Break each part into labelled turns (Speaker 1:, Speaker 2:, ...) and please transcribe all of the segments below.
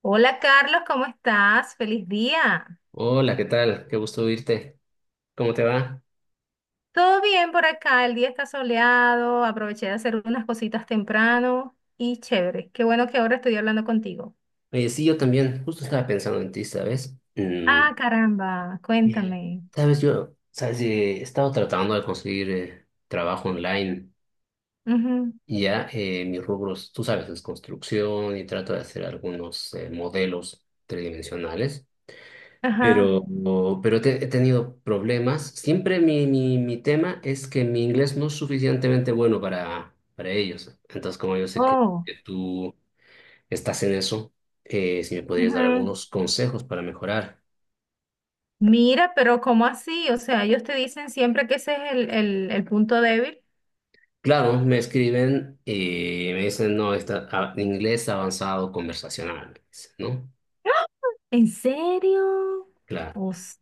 Speaker 1: Hola Carlos, ¿cómo estás? Feliz día.
Speaker 2: Hola, ¿qué tal? Qué gusto oírte. ¿Cómo te va?
Speaker 1: Todo bien por acá, el día está soleado, aproveché de hacer unas cositas temprano y chévere. Qué bueno que ahora estoy hablando contigo.
Speaker 2: Sí, yo también. Justo estaba pensando en ti, ¿sabes?
Speaker 1: Ah, caramba,
Speaker 2: Eh,
Speaker 1: cuéntame.
Speaker 2: sabes, he estado tratando de conseguir trabajo online.
Speaker 1: Ujú.
Speaker 2: Y ya, mis rubros, tú sabes, es construcción y trato de hacer algunos modelos tridimensionales.
Speaker 1: Ajá.
Speaker 2: Pero, pero he tenido problemas. Siempre mi tema es que mi inglés no es suficientemente bueno para ellos. Entonces, como yo sé que
Speaker 1: Oh,
Speaker 2: que tú estás en eso, si me podrías dar
Speaker 1: ujú.
Speaker 2: algunos consejos para mejorar.
Speaker 1: Mira, pero ¿cómo así? O sea, ellos te dicen siempre que ese es el punto débil.
Speaker 2: Claro, me escriben y me dicen, no, inglés avanzado conversacional, me dicen, ¿no?
Speaker 1: ¿En serio?
Speaker 2: Claro.
Speaker 1: O sea,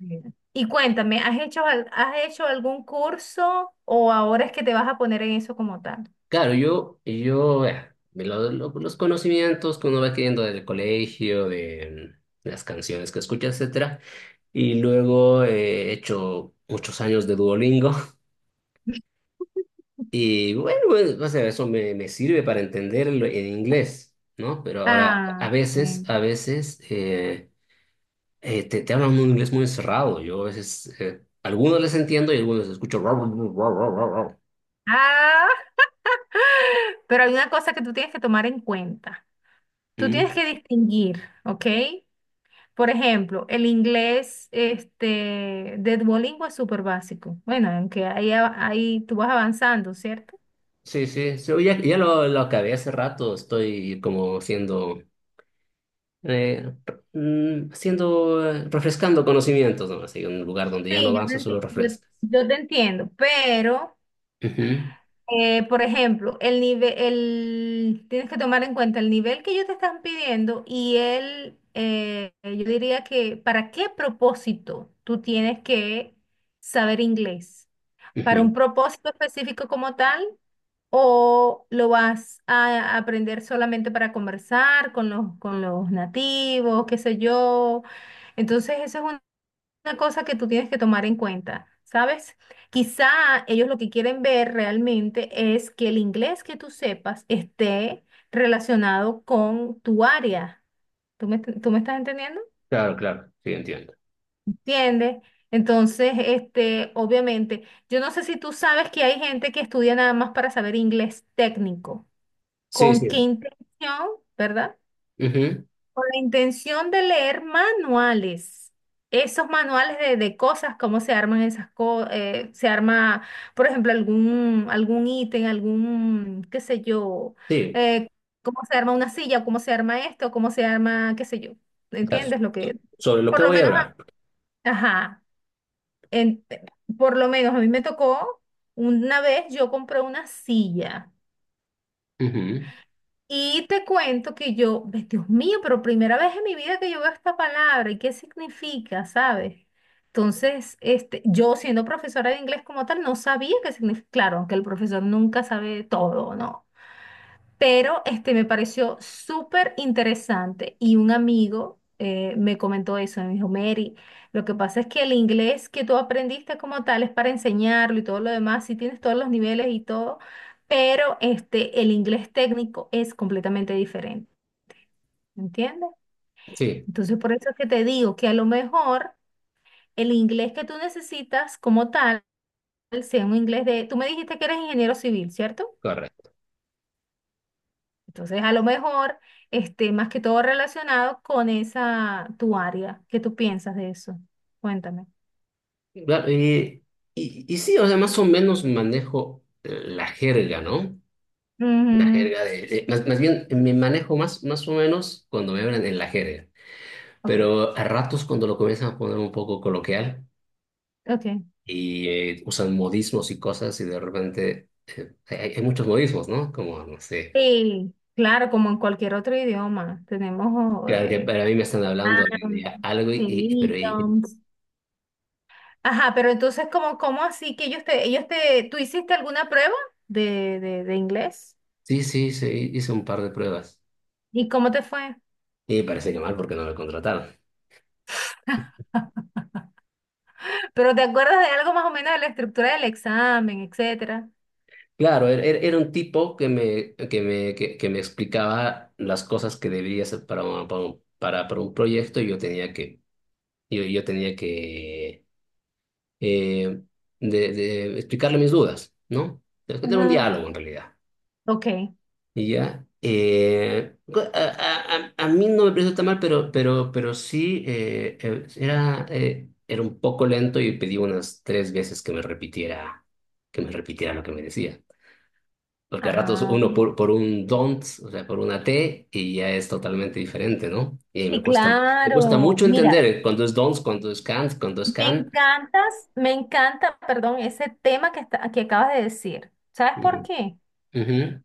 Speaker 1: y cuéntame, ¿has hecho, has hecho algún curso o ahora es que te vas a poner en eso como tal?
Speaker 2: Claro, yo, de lo- los conocimientos que uno va adquiriendo del colegio, de las canciones que escucha, etcétera. Y luego, he hecho muchos años de Duolingo. Y bueno, pues, o sea, eso me sirve para entenderlo en inglés, ¿no? Pero ahora,
Speaker 1: Ah, ok.
Speaker 2: a veces te hablan un inglés muy cerrado. Yo a veces, algunos les entiendo y algunos escucho. "Rau, rau, rau, rau, rau, rau, rau".
Speaker 1: Ah, pero hay una cosa que tú tienes que tomar en cuenta. Tú
Speaker 2: ¿Mm?
Speaker 1: tienes que distinguir, ¿ok? Por ejemplo, el inglés este, de Duolingo es súper básico. Bueno, aunque ahí, ahí tú vas avanzando, ¿cierto?
Speaker 2: Sí, sí, sí, ya, lo acabé hace rato. Estoy como eh, siendo, refrescando conocimientos, ¿no? Así, un lugar donde ya no
Speaker 1: Sí,
Speaker 2: avanzo, solo refrescas.
Speaker 1: yo te entiendo, pero
Speaker 2: Ujú,
Speaker 1: Por ejemplo, tienes que tomar en cuenta el nivel que ellos te están pidiendo y el, yo diría que para qué propósito tú tienes que saber inglés. ¿Para un
Speaker 2: ujú.
Speaker 1: propósito específico como tal o lo vas a aprender solamente para conversar con con los nativos, qué sé yo? Entonces, eso es una cosa que tú tienes que tomar en cuenta, ¿sabes? Quizá ellos lo que quieren ver realmente es que el inglés que tú sepas esté relacionado con tu área. Tú me estás entendiendo?
Speaker 2: Claro, claro, sí, entiendo.
Speaker 1: ¿Entiendes? Entonces, este, obviamente, yo no sé si tú sabes que hay gente que estudia nada más para saber inglés técnico.
Speaker 2: Sí,
Speaker 1: ¿Con qué
Speaker 2: sí.
Speaker 1: intención, verdad?
Speaker 2: Ujú.
Speaker 1: La intención de leer manuales, esos manuales de cosas, cómo se arman esas cosas, se arma, por ejemplo, algún ítem, algún, qué sé yo,
Speaker 2: Sí.
Speaker 1: eh, cómo se arma una silla, cómo se arma esto, cómo se arma, qué sé yo,
Speaker 2: O sea,
Speaker 1: ¿entiendes lo
Speaker 2: so-
Speaker 1: que?
Speaker 2: sobre lo que
Speaker 1: Por lo
Speaker 2: voy a
Speaker 1: menos,
Speaker 2: hablar.
Speaker 1: ajá, en- por lo menos a mí me tocó, una vez yo compré una silla.
Speaker 2: Ujú.
Speaker 1: Y te cuento que yo, ve, Dios mío, pero primera vez en mi vida que yo veo esta palabra y qué significa, ¿sabes? Entonces, este, yo siendo profesora de inglés como tal, no sabía qué significa. Claro, que el profesor nunca sabe todo, ¿no? Pero este me pareció súper interesante y un amigo me comentó eso, me dijo, Mary, lo que pasa es que el inglés que tú aprendiste como tal es para enseñarlo y todo lo demás, si tienes todos los niveles y todo, pero este el inglés técnico es completamente diferente, ¿entiendes?
Speaker 2: Sí.
Speaker 1: Entonces por eso es que te digo que a lo mejor el inglés que tú necesitas como tal sea un inglés de, tú me dijiste que eres ingeniero civil, ¿cierto?
Speaker 2: Correcto.
Speaker 1: Entonces, a lo mejor esté más que todo relacionado con esa tu área. ¿Qué tú piensas de eso? Cuéntame.
Speaker 2: Claro, y sí, o sea, más o menos manejo la jerga, ¿no? La
Speaker 1: Ujú.
Speaker 2: jerga de, más, más bien me manejo más, más o menos cuando me hablan en la jerga,
Speaker 1: Ok,
Speaker 2: pero a ratos cuando lo comienzan a poner un poco coloquial
Speaker 1: ok.
Speaker 2: y usan modismos y cosas y de repente, hay muchos modismos, ¿no? Como, no sé,
Speaker 1: Sí, claro, como en cualquier otro idioma, tenemos
Speaker 2: claro que para mí me están hablando
Speaker 1: mm,
Speaker 2: de algo y,
Speaker 1: sí,
Speaker 2: y- pero y-
Speaker 1: idioms. Ajá, pero entonces, ¿cómo, cómo así que ellos te, tú hiciste alguna prueba de inglés?
Speaker 2: sí, sí, sí, hice un par de pruebas.
Speaker 1: ¿Y cómo te fue?
Speaker 2: Y parece que mal porque no me contrataron.
Speaker 1: ¿Pero te acuerdas de algo más o menos de la estructura del examen, etcétera?
Speaker 2: Claro, era un tipo que me explicaba las cosas que debería hacer para un proyecto y yo tenía yo tenía que eh, de explicarle mis dudas, ¿no? Era un
Speaker 1: Ajá.
Speaker 2: diálogo en realidad.
Speaker 1: Ok.
Speaker 2: Y ya, a mí no me pareció tan mal, pero, pero sí, era un poco lento y pedí unas tres veces que me repitiera lo que me decía. Porque a ratos
Speaker 1: Ajá.
Speaker 2: uno por un don't, o sea, por una T, y ya es totalmente diferente, ¿no? Y
Speaker 1: Sí,
Speaker 2: me cuesta
Speaker 1: claro.
Speaker 2: mucho entender,
Speaker 1: Mira,
Speaker 2: cuando es don't, cuando es can't, cuando es can.
Speaker 1: me encanta, perdón, ese tema que acabas de decir. ¿Sabes por
Speaker 2: Ujú.
Speaker 1: qué?
Speaker 2: Ujú.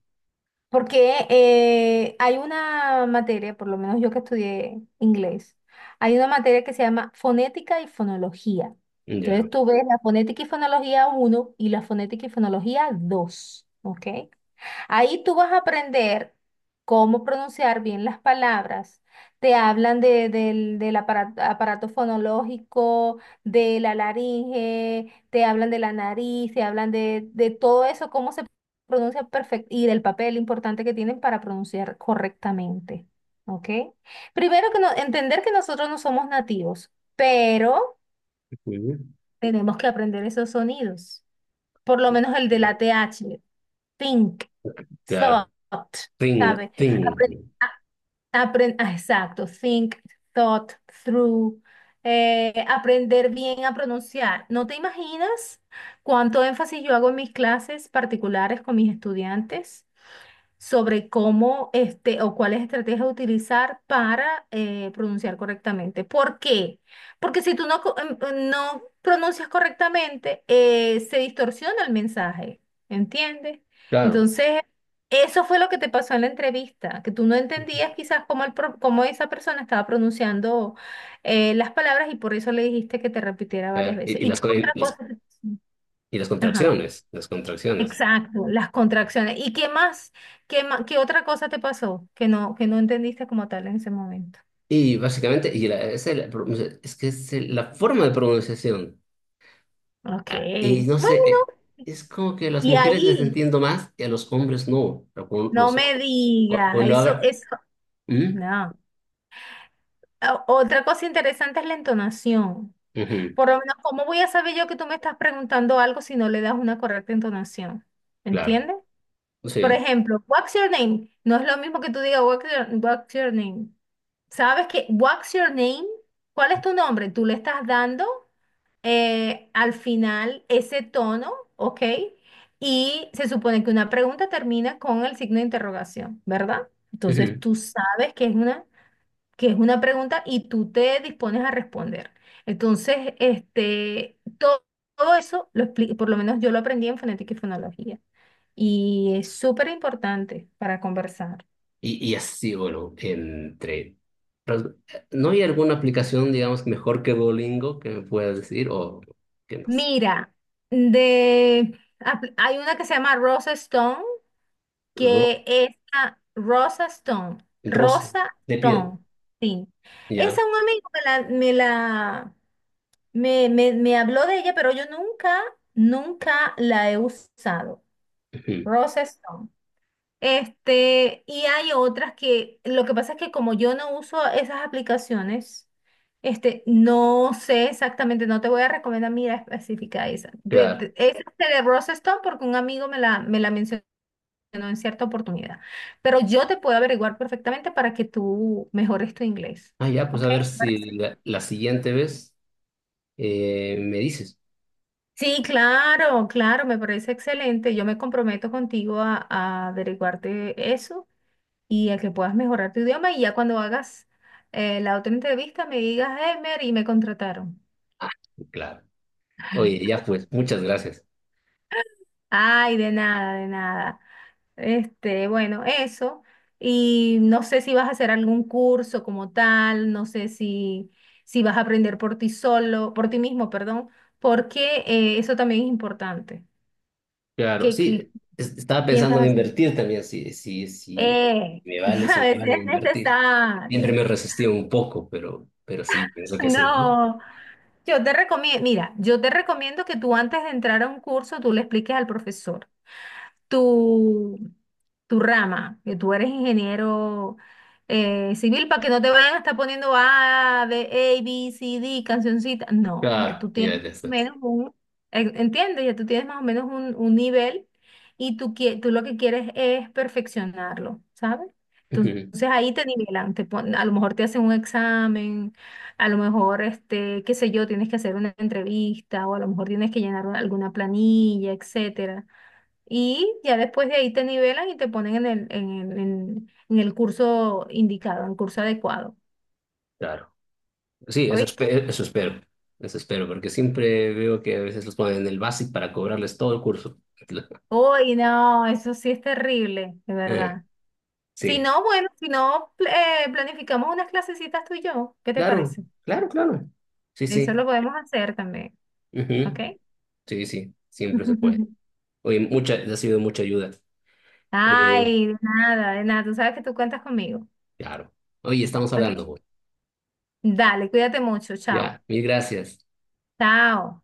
Speaker 1: Porque hay una materia, por lo menos yo que estudié inglés, hay una materia que se llama fonética y fonología.
Speaker 2: Ya.
Speaker 1: Entonces tú ves la fonética y fonología 1 y la fonética y fonología 2, ¿ok? Ahí tú vas a aprender cómo pronunciar bien las palabras. Te hablan del, del aparato, aparato fonológico, de la laringe, te hablan de la nariz, te hablan de todo eso, cómo se pronuncia perfecto y del papel importante que tienen para pronunciar correctamente. ¿Ok? Primero que no, entender que nosotros no somos nativos, pero
Speaker 2: Ujú.
Speaker 1: tenemos que aprender esos sonidos, por lo menos el de
Speaker 2: Ya.
Speaker 1: la TH, think,
Speaker 2: Claro.
Speaker 1: thought,
Speaker 2: Thing,
Speaker 1: ¿sabes? Apren-
Speaker 2: thing.
Speaker 1: a- exacto, think, thought, through, aprender bien a pronunciar. ¿No te imaginas cuánto énfasis yo hago en mis clases particulares con mis estudiantes sobre cómo este o cuáles estrategias utilizar para pronunciar correctamente? ¿Por qué? Porque si tú no, no pronuncias correctamente, se distorsiona el mensaje, ¿entiendes?
Speaker 2: Claro.
Speaker 1: Entonces, eso fue lo que te pasó en la entrevista, que tú no
Speaker 2: Ujú.
Speaker 1: entendías quizás cómo, cómo esa persona estaba pronunciando las palabras y por eso le dijiste que te repitiera varias
Speaker 2: Claro.
Speaker 1: veces.
Speaker 2: Y
Speaker 1: ¿Y
Speaker 2: las,
Speaker 1: qué
Speaker 2: co-
Speaker 1: otra cosa te pasó?
Speaker 2: y las
Speaker 1: Ajá.
Speaker 2: contracciones, las contracciones.
Speaker 1: Exacto, las contracciones. ¿Y qué más? ¿Qué qué otra cosa te pasó que no entendiste como tal en ese momento?
Speaker 2: Y básicamente, es que es la forma de pronunciación.
Speaker 1: Ok.
Speaker 2: Y no sé,
Speaker 1: Bueno,
Speaker 2: es como que a las
Speaker 1: y
Speaker 2: mujeres les
Speaker 1: ahí,
Speaker 2: entiendo más y a los hombres no. Pero con
Speaker 1: no
Speaker 2: los,
Speaker 1: me digas,
Speaker 2: cuando
Speaker 1: eso,
Speaker 2: haga...
Speaker 1: eso,
Speaker 2: ¿Mm?
Speaker 1: no. O- Otra cosa interesante es la entonación.
Speaker 2: Ujú,
Speaker 1: Por lo menos, ¿cómo voy a saber yo que tú me estás preguntando algo si no le das una correcta entonación?
Speaker 2: claro,
Speaker 1: ¿Entiendes? Por
Speaker 2: sí.
Speaker 1: ejemplo, what's your name? No es lo mismo que tú digas what's your name. ¿Sabes que what's your name? ¿Cuál es tu nombre? Tú le estás dando al final ese tono, ¿ok? Y se supone que una pregunta termina con el signo de interrogación, ¿verdad? Entonces
Speaker 2: Ujú.
Speaker 1: tú sabes que es una pregunta y tú te dispones a responder. Entonces, este, todo, eso, por lo menos yo lo aprendí en fonética y fonología. Y es súper importante para conversar.
Speaker 2: Y así, bueno, entre... pero, ¿no hay alguna aplicación, digamos, mejor que Duolingo que me puedas decir? O qué más.
Speaker 1: Mira, de, hay una que se llama Rose Stone,
Speaker 2: Ro
Speaker 1: que es a Rosa Stone,
Speaker 2: Rosa,
Speaker 1: Rosa
Speaker 2: de piel,
Speaker 1: Stone, sí. Esa
Speaker 2: ya.
Speaker 1: un amigo me la, me la, me habló de ella, pero yo nunca, nunca la he usado.
Speaker 2: Ujú.
Speaker 1: Rosa Stone. Este, y hay otras que, lo que pasa es que como yo no uso esas aplicaciones, este, no sé exactamente, no te voy a recomendar, mira, específica esa.
Speaker 2: Claro.
Speaker 1: Esa es de Rosa Stone porque un amigo me la mencionó, ¿no?, en cierta oportunidad. Pero yo te puedo averiguar perfectamente para que tú mejores tu inglés.
Speaker 2: Ah, ya, pues
Speaker 1: ¿Ok?
Speaker 2: a ver
Speaker 1: ¿Te
Speaker 2: si
Speaker 1: parece?
Speaker 2: la siguiente vez, me dices.
Speaker 1: Sí, claro, claro, me parece excelente. Yo me comprometo contigo a averiguarte eso y a que puedas mejorar tu idioma y ya cuando hagas la otra entrevista me digas, hey, Mary, me contrataron.
Speaker 2: Ah, claro. Oye, ya pues, muchas gracias.
Speaker 1: Ay, de nada, de nada. Este, bueno, eso. Y no sé si vas a hacer algún curso como tal, no sé si, si vas a aprender por ti solo, por ti mismo, perdón, porque eso también es importante.
Speaker 2: Claro,
Speaker 1: ¿Qué, qué
Speaker 2: sí, estaba pensando en
Speaker 1: piensas hacer?
Speaker 2: invertir también, si
Speaker 1: Eh,
Speaker 2: me vale, si
Speaker 1: a
Speaker 2: me
Speaker 1: veces
Speaker 2: vale
Speaker 1: es
Speaker 2: invertir. Siempre
Speaker 1: necesario.
Speaker 2: me resistí un poco, pero sí, pienso que sí, ¿no?
Speaker 1: No, yo te recomiendo, mira, yo te recomiendo que tú antes de entrar a un curso, tú le expliques al profesor tu, tu rama, que tú eres ingeniero civil, para que no te vayan a estar poniendo A, B, A, B, C, D, cancioncita. No, ya
Speaker 2: Claro,
Speaker 1: tú
Speaker 2: ya
Speaker 1: tienes
Speaker 2: ya
Speaker 1: más o
Speaker 2: estás.
Speaker 1: menos un, ¿entiendes? Ya tú tienes más o menos un nivel y tú, tú lo que quieres es perfeccionarlo, ¿sabes? Entonces
Speaker 2: Ujú.
Speaker 1: ahí te nivelan, a lo mejor te hacen un examen, a lo mejor, este, qué sé yo, tienes que hacer una entrevista o a lo mejor tienes que llenar alguna planilla, etcétera. Y ya después de ahí te nivelan y te ponen en el, en, en el curso indicado, en el curso adecuado.
Speaker 2: Claro. Sí, eso
Speaker 1: ¿Oíste?
Speaker 2: espero, eso espero, eso espero, porque siempre veo que a veces los ponen en el básico para cobrarles todo el curso.
Speaker 1: Uy, no, eso sí es terrible, de
Speaker 2: Eh,
Speaker 1: verdad. Si
Speaker 2: sí,
Speaker 1: no, bueno, si no, planificamos unas clasecitas tú y yo. ¿Qué te
Speaker 2: claro,
Speaker 1: parece?
Speaker 2: claro, claro. Sí,
Speaker 1: Eso
Speaker 2: sí.
Speaker 1: lo podemos hacer también, ¿ok?
Speaker 2: Ujú. Sí, sí, siempre se puede. Oye, mucha, ha sido mucha ayuda. Eh,
Speaker 1: Ay, de nada, de nada. Tú sabes que tú cuentas conmigo,
Speaker 2: claro. Oye, estamos hablando.
Speaker 1: ¿ok? Dale, cuídate mucho.
Speaker 2: Ya,
Speaker 1: Chao.
Speaker 2: mil gracias.
Speaker 1: Chao.